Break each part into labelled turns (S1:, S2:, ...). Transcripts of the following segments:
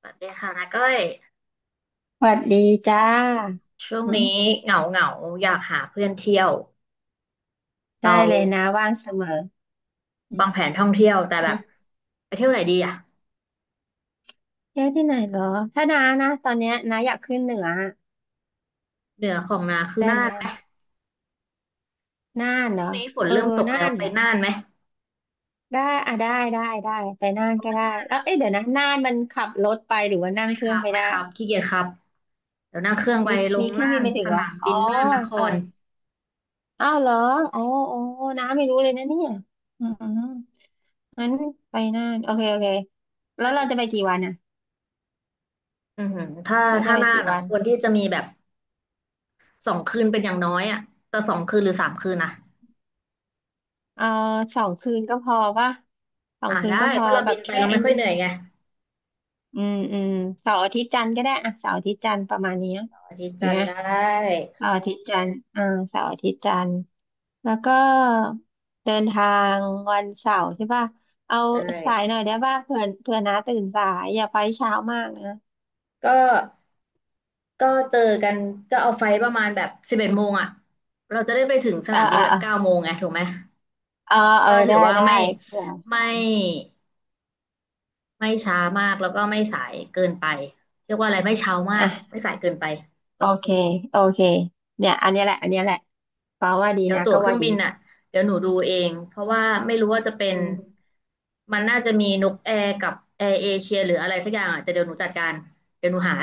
S1: สวัสดีค่ะนาก้อย
S2: สวัสดีจ้า
S1: ช่วง
S2: อื
S1: นี้
S2: ม
S1: เหงาเหงาอยากหาเพื่อนเที่ยวเรา
S2: ได้เลยนะว่างเสมออืม
S1: วางแผนท่องเที่ยวแต่แบ
S2: อื
S1: บ
S2: ม
S1: ไปเที่ยวไหนดีอ่ะ
S2: เที่ยวที่ไหนเหรอถ้าน้านะตอนเนี้ยน้าอยากขึ้นเหนือ
S1: เหนือของนาคือ
S2: ได้ไห
S1: น่า
S2: ม
S1: นไห
S2: อะ
S1: ม
S2: น่านเหรอ
S1: นี้ฝน
S2: เออ
S1: เริ่มตก
S2: น่า
S1: แล้ว
S2: น
S1: ไป
S2: เหรอ
S1: น่านไหม
S2: ได้อ่ะได้ได้ได้ไปน่านก็ได้แล้วเอ๊ะเดี๋ยวนะน่านมันขับรถไปหรือว่านั่ง
S1: ไม่
S2: เค
S1: ค
S2: รื่อ
S1: รั
S2: ง
S1: บ
S2: ไป
S1: ไม่
S2: ได้
S1: ครับขี้เกียจครับเดี๋ยวนั่งเครื่องไป
S2: มี
S1: ล
S2: มี
S1: ง
S2: เครื่อง
S1: น่า
S2: บิน
S1: น
S2: ไปถึ
S1: ส
S2: งเหรอ
S1: นาม
S2: อ๋อ
S1: บินน่านนค
S2: เออ
S1: ร
S2: อ้าวเหรออ๋ออ๋อน้าไม่รู้เลยนะเนี่ยอืมงั้นไปน่านโอเคโอเคแล้
S1: อื
S2: วเรา
S1: ม
S2: จะไปกี่วันอ่ะ
S1: อือหือถ้า
S2: เราจะไป
S1: น่าน
S2: กี่
S1: อ่ะ
S2: วัน
S1: ควรที่จะมีแบบสองคืนเป็นอย่างน้อยอ่ะแต่สองคืนหรือ3 คืนนะ
S2: เออ2 คืนก็พอว่าสอง
S1: อ่า
S2: คืน
S1: ได้
S2: ก็พ
S1: เพ
S2: อ
S1: ราะเรา
S2: แบ
S1: บิ
S2: บ
S1: นไป
S2: แค่
S1: เรา
S2: ไอ้
S1: ไม่ค่อย
S2: นี่
S1: เหนื่อยไง
S2: อืมอืมเสาร์อาทิตย์จันทร์ก็ได้อะเสาร์อาทิตย์จันทร์ประมาณเนี้ย
S1: อาทิตย์
S2: เห็
S1: จั
S2: น
S1: นท
S2: ไหม
S1: ร์ได้
S2: เสาร์อาทิตย์จันทร์อ่าเสาร์อาทิตย์จันทร์แล้วก็เดินทางวันเสาร์ใช่ป่ะเอา
S1: ได
S2: สาย
S1: ้
S2: หน่อยได้ป่ะเผื่อน้าตื่นสายอย่าไปเช้ามากนะ
S1: ก็ก็เจอกันก็เอาไฟประมาณแบบ11 โมงอ่ะเราจะได้ไปถึงส
S2: เออ
S1: นามบิ
S2: เอ
S1: น
S2: อ
S1: แบบ
S2: เออ
S1: 9 โมงไงถูกไหม
S2: เออเออ
S1: ก็ถื
S2: ได้
S1: อว่า
S2: ได้
S1: ไม่
S2: เผื่อ
S1: ไม่ช้ามากแล้วก็ไม่สายเกินไปเรียกว่าอะไรไม่เช้ามากไม่
S2: อ่ะ
S1: สายเกินไป
S2: โอเคโอเคเนี่ยอันเนี้ยแหละอันเนี้ยแหละฟ้าว่าดี
S1: เดี๋ยว
S2: นะ
S1: ตั๋ว
S2: ก็
S1: เครื่
S2: ว่า
S1: อง
S2: ดี
S1: บินอ่ะเดี๋ยวหนูดูเองเพราะว่าไม่รู้ว่าจะเป็น
S2: อืม
S1: มันน่าจะมีนกแอร์กับแอร์เอเชียหรืออะไรสักอย่างอ่ะแต่เดี๋ยวหนูจัดการเดี๋ยวหนูหา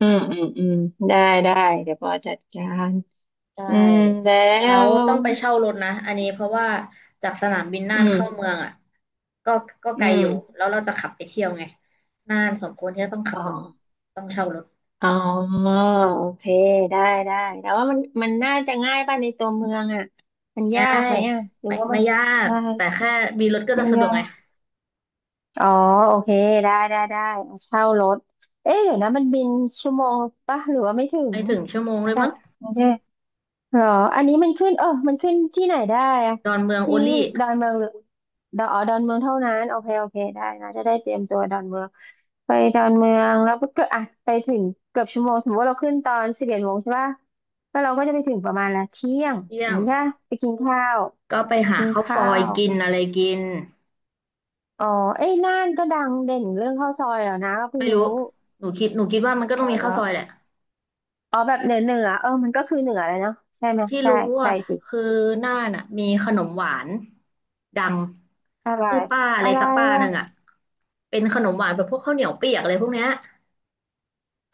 S2: อืมอืมอืมได้ได้เดี๋ยวปอจัดการ
S1: ใช
S2: อืมแล้
S1: ่แล้ว
S2: ว
S1: ต้องไปเช่ารถนะ อันนี้เพราะว่าจากสนามบินน่า
S2: อื
S1: นเข้าเมื
S2: ม
S1: องอ่ะก็ไก
S2: อื
S1: ล
S2: ม
S1: อยู่ แล้วเราจะขับไปเที่ยวไงน่านสมควรที่จะต้องขับ
S2: อ๋อ
S1: รถต้องเช่ารถ
S2: อ๋อโอเคได้ได้แต่ว่ามันน่าจะง่ายป่ะในตัวเมืองอ่ะมัน
S1: ง่า
S2: ยากไหม
S1: ย
S2: อ่ะหรือ
S1: ไม่
S2: ว่ามัน
S1: ยาก
S2: ง่าย
S1: แต่แค่มีรถก็จะ
S2: ไม่
S1: สะดว
S2: ยา
S1: กไง
S2: กอ๋อโอเคได้ได้ได้เช่ารถเอ๊ะเดี๋ยวนะมันบินชั่วโมงป่ะหรือว่าไม่ถึง
S1: ไม่ถึงชั่วโมงเลย
S2: จา
S1: มั้
S2: ก
S1: ง
S2: กรุงเทพ เหรออันนี้มันขึ้นเออมันขึ้นที่ไหนได้อะ
S1: ดอนเมืองโอ
S2: ที่
S1: ลี่
S2: ดอนเมืองหรือดอนอ๋อดอนเมืองเท่านั้นโอเคโอเคได้นะจะได้เตรียมตัวดอนเมืองไปดอนเมืองแล้วก็อ่ะไปถึงเกือบชั่วโมงสมมติว่าเราขึ้นตอน11 โมงใช่ป่ะแล้วเราก็จะไปถึงประมาณละเที่ยง
S1: เที่
S2: อ
S1: ย
S2: ย่าง
S1: ง
S2: นี้ใช่ปะไปกินข้าว
S1: ก็ไปหา
S2: กิน
S1: ข้าวซ
S2: ข้า
S1: อย
S2: ว
S1: กินอะไรกิน
S2: อ๋อเอ้ยน่านก็ดังเด่นเรื่องข้าวซอยเหรอนะก็เพิ่งรู้
S1: หนูคิดว่ามันก็
S2: อ๋
S1: ต้อง
S2: อ
S1: มี
S2: เหร
S1: ข้าว
S2: อ
S1: ซอยแหละ
S2: อ๋อแบบเหนือเหนือเออมันก็คือเหนือเลยเนาะใช่ไหม
S1: ที่
S2: ใช่
S1: รู้
S2: ใช่
S1: อ่ะ
S2: สิ
S1: คือน่านอ่ะมีขนมหวานดัง
S2: อะไร
S1: ชื่อป้าอะไร
S2: อะไร
S1: สักป้าหนึ่งอ่ะ
S2: อะ
S1: เป็นขนมหวานแบบพวกข้าวเหนียวเปียกอะไรพวกเนี้ย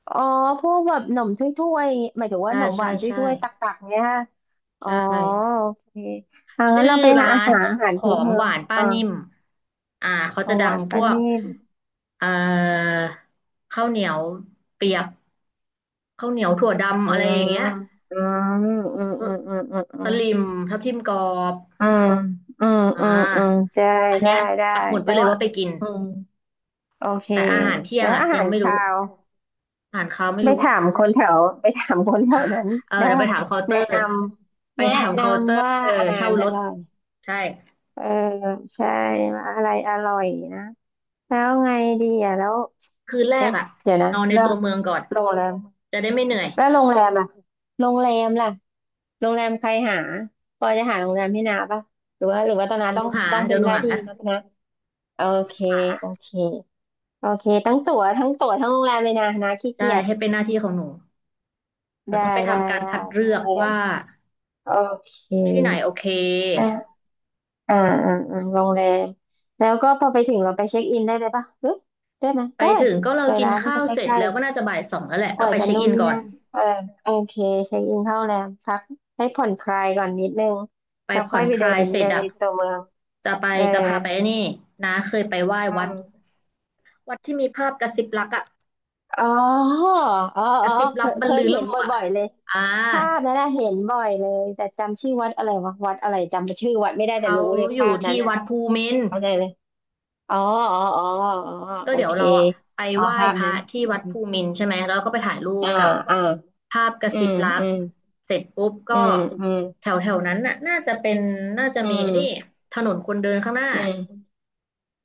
S2: อ๋อพวกแบบหนมถ้วยๆหมายถึงว่า
S1: ใช่
S2: หนมห
S1: ใช่
S2: วาน
S1: ใช่
S2: ถ้วยๆตักๆเนี่ยฮะอ๋อ
S1: ใช่
S2: โอเคอ่า
S1: ชื่
S2: งั้น
S1: อ
S2: เราไปหา
S1: ร้า
S2: อา
S1: น
S2: หารอาหาร
S1: ขอ
S2: พื้น
S1: ง
S2: เมื
S1: ห
S2: อง
S1: วานป้า
S2: อ่า
S1: นิ่มอ่าเขา
S2: ข
S1: จะ
S2: อง
S1: ดั
S2: หวา
S1: ง
S2: น
S1: พ
S2: ป้า
S1: วก
S2: นิ่ม
S1: เอ่อข้าวเหนียวเปียกข้าวเหนียวถั่ว
S2: อื
S1: ดำอะไร
S2: ม
S1: อย่างเงี้ย
S2: อืมอืม
S1: เออ
S2: อืมอืมอืมอื
S1: ส
S2: ม
S1: ลิมทับทิมกรอบ
S2: อืม
S1: อ่
S2: อืมอืมอืม
S1: า
S2: ใช่
S1: อัน
S2: ได้
S1: เนี้ย
S2: ได้
S1: ปักหมุด
S2: แต่
S1: ไว้เลย
S2: ว่า
S1: ว่าไปกิน
S2: อืมโอเค
S1: แต่อาหารเที่ย
S2: แล้
S1: ง
S2: ว
S1: อ่ะ
S2: อา
S1: ยั
S2: หา
S1: ง
S2: ร
S1: ไม่รู้
S2: คาว
S1: อาหารเช้าไม่รู้
S2: ไปถามคนแถวนั้น
S1: เออ
S2: ได้
S1: เดี๋ยวไป
S2: ว่า
S1: ถามเคาน์เตอ
S2: แนะ
S1: ร์
S2: นำ
S1: ไป
S2: แนะ
S1: ถาม
S2: น
S1: เคาน์เตอ
S2: ำ
S1: ร์
S2: ว่าอาหา
S1: เช่า
S2: รอ
S1: รถ
S2: ร่อย
S1: ใช่
S2: เออใช่อะไรอร่อยนะแล้วไงดีอ่ะแล้ว
S1: คืนแรก
S2: เอ๊ะ
S1: อ่ะ
S2: เดี๋ยวนะ
S1: นอนใน
S2: แล้ว
S1: ตัวเมืองก่อน
S2: โรงแรม
S1: จะได้ไม่เหนื่อย
S2: แล้วโรงแรมล่ะโรงแรมล่ะโรงแรมใครหาปอจะหาโรงแรมให้นาปะหรือว่าตอนนา
S1: เดี๋ยวห
S2: ต้อ
S1: นู
S2: ง
S1: หา
S2: ต้อง
S1: เดี๋
S2: เป็
S1: ย
S2: น
S1: วหนู
S2: หน้า
S1: หา
S2: ที่นะนะโอเค
S1: หา
S2: โอเคโอเคทั้งตั๋วทั้งโรงแรมเลยนะนาขี้
S1: ได้
S2: เกียจ
S1: ให้เป็นหน้าที่ของหนูเรา
S2: ได้
S1: ต้องไป
S2: ได้
S1: ทำการ
S2: ได้
S1: คัด
S2: โร
S1: เลือ
S2: ง
S1: ก
S2: แรม
S1: ว่า
S2: โอเค
S1: ที่ไหนโอเค
S2: อ่าอ่าอ่าโรงแรมแล้วก็พอไปถึงเราไปเช็คอินได้เลยปะหรือได้ไหม
S1: ไป
S2: ได้
S1: ถึง
S2: สิ
S1: ก็เรา
S2: ใกล้
S1: กิน
S2: ร้านก็
S1: ข้า
S2: จะ
S1: วเสร็
S2: ใก
S1: จ
S2: ล้
S1: แล้วก็น่าจะบ่าย 2แล้วแหละ
S2: ๆป
S1: ก็
S2: ล่อย
S1: ไป
S2: จะ
S1: เช็ค
S2: นู่
S1: อิ
S2: น
S1: น
S2: นี่
S1: ก่อน
S2: นั่นเออโอเคเช็คอินเข้าโรงแรมพักให้ผ่อนคลายก่อนนิดนึง
S1: ไป
S2: แล้ว
S1: ผ่
S2: ค่
S1: อ
S2: อย
S1: น
S2: ไป
S1: ค
S2: เดิ
S1: ลาย
S2: น
S1: เสร็
S2: เดิ
S1: จ
S2: น
S1: อ่ะ
S2: ในตัวเมือง
S1: จะไป
S2: เออ
S1: จะพาไปไอ้นี่นะเคยไปไหว้วั
S2: อื
S1: ด
S2: ม
S1: วัดที่มีภาพกระซิบรักอ่ะ
S2: อ๋ออ๋ออ๋อ
S1: กระซิบ
S2: เค
S1: รับ
S2: ย
S1: บร
S2: เค
S1: รลื
S2: ย
S1: อโล
S2: เห็นบ
S1: กอ่ะ
S2: ่อยๆเลย
S1: อ่า
S2: ภาพนั้นนะเห็นบ่อยเลยแต่จำชื่อวัดอะไรวะวัดอะไรจำชื่อวัดไม่ได้แต่
S1: เขา
S2: รู้เลย
S1: อ
S2: ภา
S1: ยู่
S2: พนั้
S1: ที่
S2: นอ่ะ
S1: วัดภูมินทร์
S2: เข้าใจเลย อ๋ออ๋ออ๋ออ๋อ
S1: ก็
S2: โอ
S1: เดี๋ยว
S2: เค
S1: เราอ่ะไป
S2: อ๋อ
S1: ไหว้
S2: ภาพ
S1: พระ
S2: นั้น
S1: ที่
S2: อื
S1: วัด
S2: ม
S1: ภูมินทร์ใช่ไหมแล้วเราก็ไปถ่ายรูป
S2: อ่า
S1: กับ
S2: อ่า
S1: ภาพกระ
S2: อื
S1: ซิบ
S2: ม
S1: รัก
S2: อืม
S1: เสร็จปุ๊บก็
S2: อืมอืม
S1: แถวแถวนั้นน่ะน่าจะเป็นน่าจะ
S2: อื
S1: มี
S2: ม
S1: ไอ้นี่ถนนคนเดินข้างหน้า
S2: อืม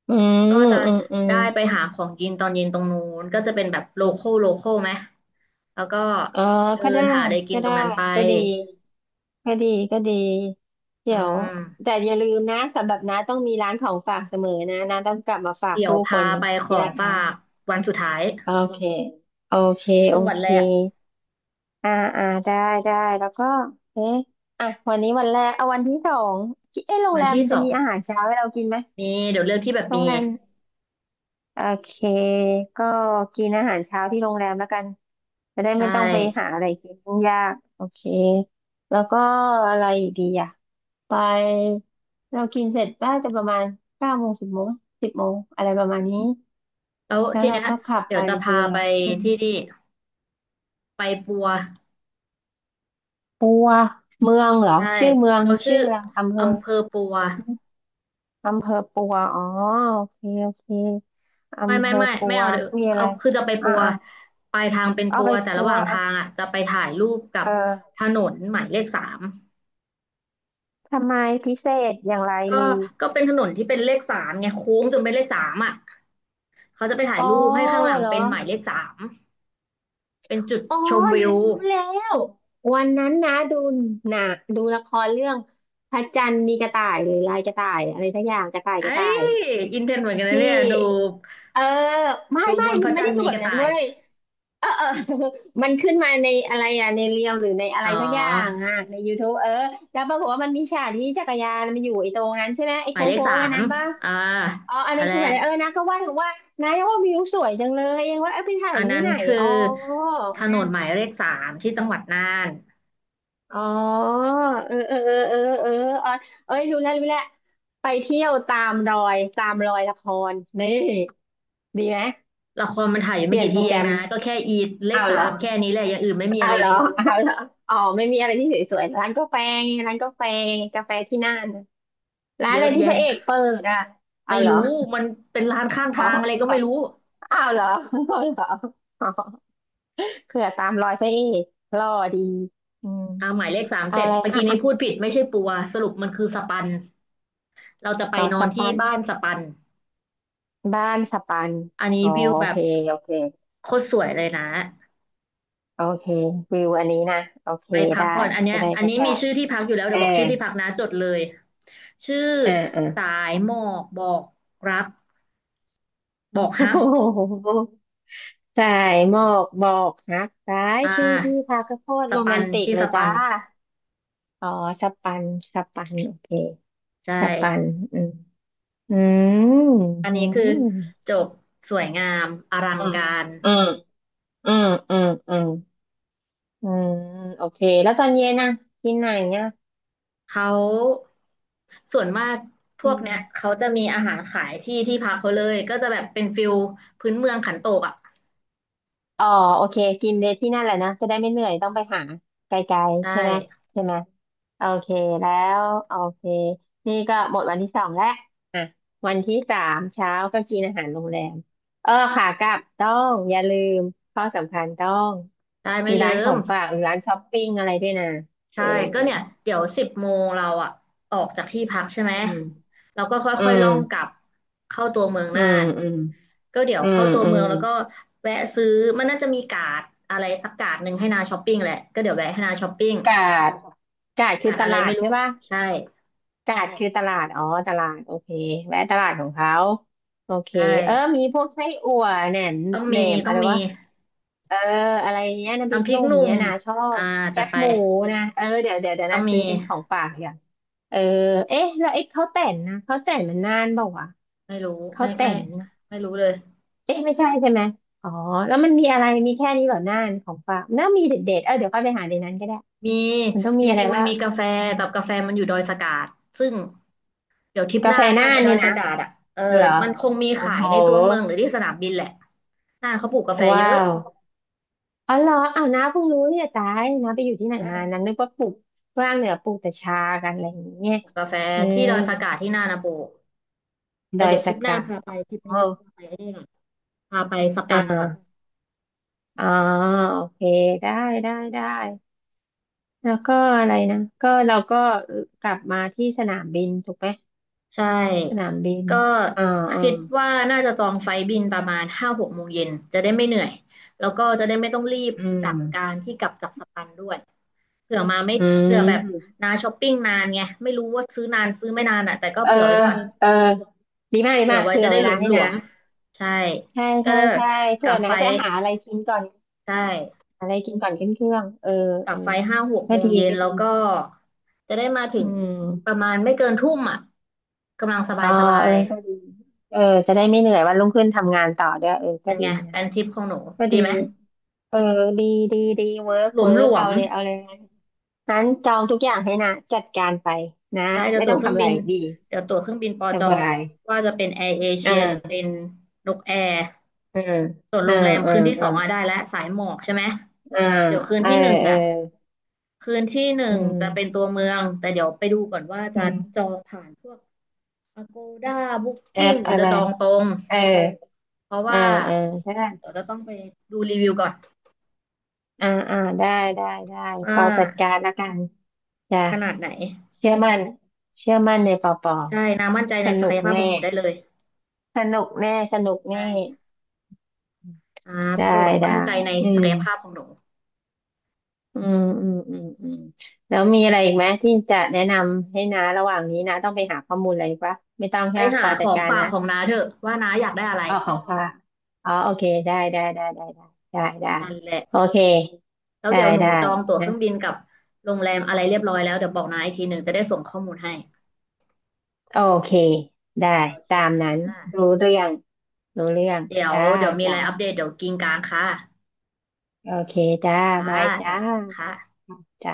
S2: อืม
S1: ก็จะ
S2: อืมอืม
S1: ได้ไปหาของกินตอนเย็นตรงนู้นก็จะเป็นแบบโลคอลโลคอลไหม แล้วก็
S2: เออ
S1: เดิ
S2: ก็
S1: น
S2: ได้
S1: หาอะไรกิ
S2: ก็
S1: นตร
S2: ได้
S1: งนั้นไป
S2: ก็ดีก็ดีก็ดี
S1: อื
S2: เดี๋ยว
S1: ม
S2: แต่อย่าลืมนะสำหรับน้าต้องมีร้านของฝากเสมอนะน้าต้องกลับมาฝาก
S1: เดี๋ยว
S2: ผู้ค
S1: พา
S2: น
S1: ไปขอ
S2: ยา
S1: ง
S2: ก
S1: ฝา
S2: นะ
S1: กวันสุดท้าย
S2: โอเคโอเค
S1: นี่
S2: โอ
S1: เพิ่งวัน
S2: เค
S1: แรก
S2: อ่าอ่าได้ได้แล้วก็เอ๊ะอ่ะวันนี้วันแรกเอาวันที่สองคิดเอ๊ะโรง
S1: วั
S2: แร
S1: น
S2: ม
S1: ที่
S2: มัน
S1: ส
S2: จะ
S1: อง
S2: มีอาหารเช้าให้เรากินไหม
S1: มีเดี๋ยวเรืองที่แบบ
S2: โร
S1: มี
S2: งแรมโอเคก็กินอาหารเช้าที่โรงแรมแล้วกันจะได้
S1: ใช่
S2: ไม่ต้องไปหาอะไรกินยุ่งยากโอเคแล้วก็อะไรอีกดีอ่ะไปเรากินเสร็จน่าจะประมาณ9 โมงสิบโมงสิบโมงอะไรประมาณนี้
S1: แล้ว
S2: แล้ว
S1: ที
S2: เรา
S1: เนี้ย
S2: ก็ขับ
S1: เดี๋
S2: ไป
S1: ยวจะพา
S2: ดูเล
S1: ไป
S2: ยอืม
S1: ที่นี่ไปปัว
S2: ปัวเมืองเหรอ
S1: ใช่
S2: ชื่อเมือง
S1: เขาชื่
S2: ชื่อ
S1: อ
S2: อะไรอำเภอ
S1: อำเภอปัว
S2: อำเภอปัว อ๋อโอเคโอเค
S1: ไม่
S2: อำเภ
S1: ไม่
S2: อ
S1: ไม่
S2: ปั
S1: ไม่
S2: ว
S1: เอาเดี๋ยว
S2: มีอะ
S1: เอา
S2: ไร
S1: คือจะไป
S2: อ่ะ
S1: ปัว
S2: อ่ะ
S1: ปลายทางเป็น
S2: เอา
S1: ปั
S2: ไป
S1: วแต่
S2: ปั
S1: ระห
S2: ว
S1: ว่างทางอ่ะจะไปถ่ายรูปกั
S2: เ
S1: บ
S2: ออ
S1: ถนนหมายเลขสาม
S2: ทำไมพิเศษอย่างไร
S1: ก็
S2: ลือ
S1: เป็นถนนที่เป็นเลขสามไงโค้งจนเป็นเลขสามอ่ะเขาจะไปถ่าย
S2: อ๋อ
S1: รูปให้ข้างหลัง
S2: เหรอ
S1: เป็นหมายเลขสามเป็นจุด
S2: อ๋อ
S1: ชมวิ
S2: นะ
S1: ว
S2: รู้แล้ววันนั้นนะดูหนังดูละครเรื่องพระจันทร์มีกระต่ายหรือลายกระต่ายอะไรสักอย่างกระต่าย
S1: ไอ้
S2: กระ
S1: ย
S2: ต่าย
S1: อินเทนเหมือนกันนะ
S2: ที่
S1: เนี่ยดู
S2: เออไม่
S1: ดู
S2: ไม่
S1: บนพ
S2: มัน
S1: ระ
S2: ไม่
S1: จัน
S2: ได้
S1: ทร์
S2: ดู
S1: มี
S2: แบ
S1: ก
S2: บ
S1: ระ
S2: นั้น
S1: ต่าย
S2: เว้ย เออ เออ มันขึ้นมาในอะไรอะในเรียวหรือในอะไร
S1: อ๋อ
S2: ทักอย่างอะในยูท t บเออแล้วปรากฏว่ามันมีฉากที่จักรยานมันอยู่ไอ้ตรงนั้นใช่ไหมไอ้
S1: ห
S2: โค
S1: มายเลข
S2: ้
S1: สา
S2: งๆอัน
S1: ม
S2: นั้นป่ะ
S1: อ่า
S2: อ๋ออัน
S1: นั่
S2: นั้น
S1: นแห
S2: คือ
S1: ละ
S2: แบบนะก็ว่าถึงว่านะว่าวิวสวยจังเลยเองว่าเออไปถ่าย
S1: อัน
S2: ที่
S1: นั้น
S2: ไหน
S1: คื
S2: อ๋อ
S1: อถน
S2: นั่
S1: นหมา
S2: น
S1: ยเลขสามที่จังหวัดน่าน
S2: อ๋อเออเออเออเออเอออ๋อเอ้ยรู้แล้วรู้แล้วไปเที่ยวตามรอยตามรอยละครนี่ดีไหม
S1: ละครมันถ่ายอยู่
S2: เป
S1: ไม่
S2: ลี่ยน
S1: กี่
S2: โปร
S1: ที่
S2: แก
S1: เอ
S2: ร
S1: ง
S2: ม
S1: นะก็แค่อีเลข
S2: อ้าว
S1: สา
S2: เหรอ
S1: มแค่นี้แหละอย่างอื่นไม่มี
S2: เอา
S1: อะไร
S2: เหร
S1: เล
S2: อ
S1: ย
S2: เอาเหรออ๋อไม่มีอะไรที่สวยๆร้านกาแฟไงร้านกาแฟกาแฟที่น่านน่ะร้าน
S1: เย
S2: อะไร
S1: อะ
S2: ที่พ
S1: แยะ
S2: ระเอกเปิดอ่ะ เอา
S1: ไม่
S2: เหรอ
S1: รู้มันเป็นร้านข้าง
S2: อ๋
S1: ทางอะไรก็ไม่
S2: อ
S1: รู้
S2: เอาเหรอเอาเหรออ๋อเผื่อตามรอยพระเอกหล่อดีอืม
S1: อ่าหมายเลขสาม
S2: เอา
S1: เสร็จ
S2: อะไร
S1: เมื่อ
S2: อ่ะ
S1: กี้นี้
S2: อ่ะ
S1: พูดผิดไม่ใช่ปัวสรุปมันคือสปันเราจะไป
S2: ต่อ
S1: นอ
S2: ส
S1: นที่
S2: ปัน
S1: บ้านสปัน
S2: บ้านสปัน
S1: อันนี้
S2: อ๋อ
S1: วิว
S2: โอ
S1: แบ
S2: เค
S1: บ
S2: โอเค
S1: โคตรสวยเลยนะ
S2: โอเควิวอันนี้นะโอเค
S1: ไปพัก
S2: ได้
S1: ผ่อนอันเนี้
S2: จะ
S1: ย
S2: ได้
S1: อั
S2: ไป
S1: นนี้
S2: ถ่า
S1: มี
S2: ย
S1: ชื่อที่พักอยู่แล้ว
S2: เอ
S1: เดี๋ย
S2: อ
S1: วบอกชื่อที่พักนะจดเลยชื่อ
S2: เออเออ
S1: สายหมอกบอกรักบอกฮัก
S2: สายหมอกบอกฮักได้าย
S1: อ่
S2: ชื่อที่
S1: า
S2: พักก็โคตร
S1: ส
S2: โรแม
S1: ปัน
S2: นติก
S1: ที่
S2: เล
S1: ส
S2: ย
S1: ปั
S2: จ้า
S1: น
S2: อ๋อสปันสปันโอเค
S1: ใช่
S2: สปันอืมอืม
S1: อัน
S2: อื
S1: นี้คือ
S2: ม
S1: จบสวยงามอลัง
S2: อืม
S1: การ
S2: อืมอืมอืมอืมอืมโอเคแล้วตอนเย็นนะกินไหนเนี่ย
S1: เขาส่วนมากพ
S2: อื
S1: วก
S2: ม
S1: เนี้ยเขาจะมีอาหารขายที่ที่พักเขาเลยก็จะแบบเป็นฟิลพื้นเมืองขันโตกอ่ะ
S2: อ๋อโอเคกินเลยที่นั่นแหละนะจะได้ไม่เหนื่อยต้องไปหาไกล
S1: ใช่
S2: ๆใช่ไหมใช่ไหมโอเคแล้วโอเคนี่ก็หมดวันที่สองแล้วอ่ะวันที่สามเช้าก็กินอาหารโรงแรมเออขากลับต้องอย่าลืมข้อสำคัญต้อง
S1: ได้ไม่
S2: มี
S1: เลิ
S2: ร้านขอ
S1: ม
S2: งฝากหรือร้านช้อปปิ้งอะไรด้วยนะเอ
S1: ใช่
S2: อ
S1: ก็เนี่ยเดี๋ยว10 โมงเราอะออกจากที่พักใช่ไหม
S2: อืม
S1: เราก็ค
S2: อื
S1: ่อยๆล่องกลั
S2: ม
S1: บเข้าตัวเมือง
S2: อื
S1: น่า
S2: ม
S1: น
S2: อืม
S1: ก็เดี๋ยว
S2: อื
S1: เข้า
S2: ม
S1: ตัว
S2: อื
S1: เมื
S2: ม
S1: องแล้วก็แวะซื้อมันน่าจะมีการ์ดอะไรสักการ์ดหนึ่งให้นาช้อปปิ้งแหละก็เดี๋ยวแวะให้นาช้อปปิ้ง
S2: กาดกาดคื
S1: กา
S2: อ
S1: ร์ด
S2: ต
S1: อะไร
S2: ลาด
S1: ไม่
S2: ใช่
S1: รู้
S2: ป่ะ
S1: ใช่
S2: ตลาดคือตลาดอ๋อตลาดโอเคแวะตลาดของเขาโอเค
S1: ใช่
S2: เออมีพวกไส้อั่วแหนม
S1: ต้อง
S2: แหน
S1: มี
S2: ม
S1: ต้อ
S2: อะ
S1: ง
S2: ไร
S1: มี
S2: วะเอออะไรเนี้ยน้ำพริก
S1: น้ำพริ
S2: ห
S1: ก
S2: นุ่ม
S1: หนุ่ม
S2: เนี้ยนะชอบ
S1: อ่า
S2: แค
S1: จัด
S2: บ
S1: ไป
S2: หมูนะเออเดี๋ยว
S1: ต้อง
S2: นะ
S1: มี
S2: ซื้อเป็นของฝากอย่างเออเอ๊ะแล้วไอ้ข้าวแต่นนะข้าวแต่นมันน่านเปล่าวะ
S1: ไม่รู้
S2: ข้า
S1: ไม่
S2: วแต่
S1: ไม่
S2: นนะ
S1: ไม่รู้เลย
S2: เอ๊ะไม่ใช่ใช่ไหมอ๋อแล้วมันมีอะไรมีแค่นี้เหรอน่านของฝากน่ามีเด็ดๆเออเดี๋ยวก็ไปหาในนั้นก็ได้
S1: มี
S2: มันต้อง
S1: จ
S2: มีอะไร
S1: ริงๆมัน
S2: ว่าง
S1: มีกาแฟ
S2: อืม
S1: แต่กาแฟมันอยู่ดอยสะกาดซึ่ง เดี๋ยวทริปห
S2: กา
S1: น้า
S2: แฟ
S1: แล้วกั
S2: น่า
S1: น
S2: น
S1: ไอ้ดอ
S2: เนี่
S1: ย
S2: ยนะ
S1: สะกาดอ่ะเออ
S2: เหรอ
S1: มันคงมี
S2: โอ้
S1: ขา
S2: โห
S1: ยในตัวเมืองหรือที่สนามบินแหละน่านเขาปลูกกาแฟเย
S2: ว้า
S1: อะ
S2: วอ๋อเหรออ้าวน้าเพิ่งรู้เนี่ยตายน้าไปอยู่ที่ไหน
S1: ใช่
S2: มานั้นนึกว่าปลูกว่างเหนือปลูกแต่ชากันอะไรอย่างเงี้ย
S1: ปลูกกาแฟ
S2: อื
S1: ที่
S2: ม
S1: ดอยสะกาดที่น่านนะปลูก
S2: ด
S1: แต่
S2: อย
S1: เดี๋ยวทริ
S2: สะ
S1: ปหน้า
S2: กา
S1: พา
S2: ด
S1: ไปทริป
S2: อ๋อ
S1: นี้พาไปไอ้นี่ก่อนพาไปส
S2: อ่
S1: ปันก่อน
S2: าอ๋อโอเคได้ได้ได้แล้วก็อะไรนะเราก็กลับมาที่สนามบินถูกไหม
S1: ใช
S2: ส
S1: ่
S2: นามบิน
S1: ก็
S2: อ่าอ่า
S1: คิดว่าน่าจะจองไฟล์บินประมาณห้าหกโมงเย็นจะได้ไม่เหนื่อยแล้วก็จะได้ไม่ต้องรีบ
S2: อื
S1: จากกา
S2: ม
S1: รที่กลับจากสปันด้วยเผื่อมาไม่
S2: อื
S1: เผื่อแบบ
S2: ม
S1: นาช้อปปิ้งนานไงไม่รู้ว่าซื้อนานซื้อไม่นานอ่ะแต่ก็
S2: เออ
S1: เผื่อไว้ก่อน
S2: เออดีมากดี
S1: เผื่อ
S2: มาก
S1: ไว้
S2: เผื่
S1: จะ
S2: อ
S1: ได้
S2: เว
S1: หล
S2: ลา
S1: วม
S2: ให้
S1: หล
S2: นะ
S1: วมใช่
S2: ใช่
S1: ก็
S2: ใช่
S1: ได้แบบ
S2: ใช่
S1: ก
S2: เผื่
S1: ลั
S2: อ
S1: บไฟ
S2: นะจะ
S1: ท์
S2: หาอะไรกินก่อน
S1: ใช่
S2: อะไรกินก่อนขึ้นเครื่อง เออ
S1: ก
S2: เอ
S1: ลั
S2: อ
S1: บไฟท์ห้าหก
S2: ก็
S1: โมง
S2: ดี
S1: เย็น
S2: ก็ดี
S1: แล้วก็จะได้มาถึ
S2: อื
S1: งประ
S2: ม
S1: มาณไม่เกินทุ่มอ่ะกำลังสบา
S2: อ๋อ
S1: ยสบา
S2: เออ
S1: ย
S2: ก็ดี เออจะได้ไม่เหนื่อยวันรุ่งขึ้นทำงานต่อด้วยเออ
S1: เป็
S2: ก็
S1: น
S2: ดี
S1: ไง
S2: นะ
S1: เป็นทริปของหนู
S2: ก็
S1: ดี
S2: ดี
S1: ไหม
S2: เออดีดีเวิร์ก
S1: หลว
S2: เวิ
S1: มห
S2: ร์
S1: ล
S2: ก
S1: ว
S2: เอา
S1: ม
S2: เลยเอาเลยงั้นจองทุกอย่างให้นะจัดการไปนะ
S1: ใช่
S2: ไม่ต้องทำอะไรดี
S1: เดี๋ยวตั๋วเครื่องบินปอ
S2: ส
S1: จอง
S2: บาย
S1: ว่าจะเป็นแอร์เอ
S2: อ่
S1: เชียหรือเป็น
S2: า
S1: นกแอร์
S2: อ่า
S1: ส่วนโร
S2: อ่า
S1: งแรม
S2: อ่า
S1: คืนที่ส
S2: อ่
S1: องอ่ะได้แล้วสายหมอกใช่ไหม
S2: าอ่า
S1: เดี๋ยวคืน
S2: เออ
S1: ที่หนึ่ง
S2: เออ
S1: อ่ะคืนที่ห
S2: อื
S1: นึ่งจะเป็น
S2: ม
S1: ตัวเมืองแต่เดี๋ยวไปดูก่อนว่า
S2: อื
S1: จะ
S2: ม
S1: จองผ่านพวก Agoda
S2: แอ
S1: Booking
S2: ป
S1: หรือ
S2: อะ
S1: จะ
S2: ไร
S1: จองตรง
S2: เออ
S1: เพราะ
S2: อ่า
S1: ว่า
S2: อ่าใช่
S1: เดี๋ยวจะต้องไปดูรีวิวก่อน
S2: อ่าได้ได้ป
S1: ว่า
S2: อจัดการละกันจ้ะ
S1: ขนาดไหน
S2: เชื่อมั่นเชื่อมั่นในปอปอ
S1: ใช่นามั่นใจ
S2: ส
S1: ในศั
S2: นุ
S1: ก
S2: ก
S1: ยภาพ
S2: แน่
S1: ของหนูได้เลย
S2: สนุกแน่สนุก
S1: ใช่
S2: แน่
S1: อ่า
S2: ได้
S1: โปรด
S2: ได้
S1: มั่นใจใน
S2: อื
S1: ศัก
S2: ม
S1: ยภาพของหนู
S2: อืมอืมอืมอืมแล้วมีอะไรอีกไหมที่จะแนะนำให้นะระหว่างนี้นะต้องไปหาข้อมูลอะไรปะไม่ต้อง
S1: ไป
S2: ใช่ปะ
S1: หา
S2: ปอ
S1: ข
S2: จัด
S1: อง
S2: การ
S1: ฝาก
S2: นะ
S1: ของน้าเถอะว่าน้าอยากได้อะไร
S2: อ๋อของป้าอ๋อโอเคได้ได้ได้ได้ได้ได้ได้
S1: นั่นแหละ
S2: โอเค
S1: แล้ว
S2: ได้
S1: เดี๋ยวหนู
S2: ได้
S1: จองตั๋วเครื่อง
S2: นะ
S1: บินกับโรงแรมอะไรเรียบร้อยแล้วเดี๋ยวบอกน้าอีกที 1จะได้ส่งข้อมูลให้
S2: โอเค ได้
S1: โอเค
S2: ตามนั้น
S1: ค่ะ
S2: รู้เรื่องรู้เรื่อง
S1: เดี๋ยว
S2: จ้า
S1: เดี๋ยวมีอะ
S2: จ้า
S1: ไรอัปเดตเดี๋ยวกินกลางค่ะ
S2: โอเคจ้า
S1: ค่ะ
S2: บายจ้า
S1: จ้ะค่ะ
S2: จ้า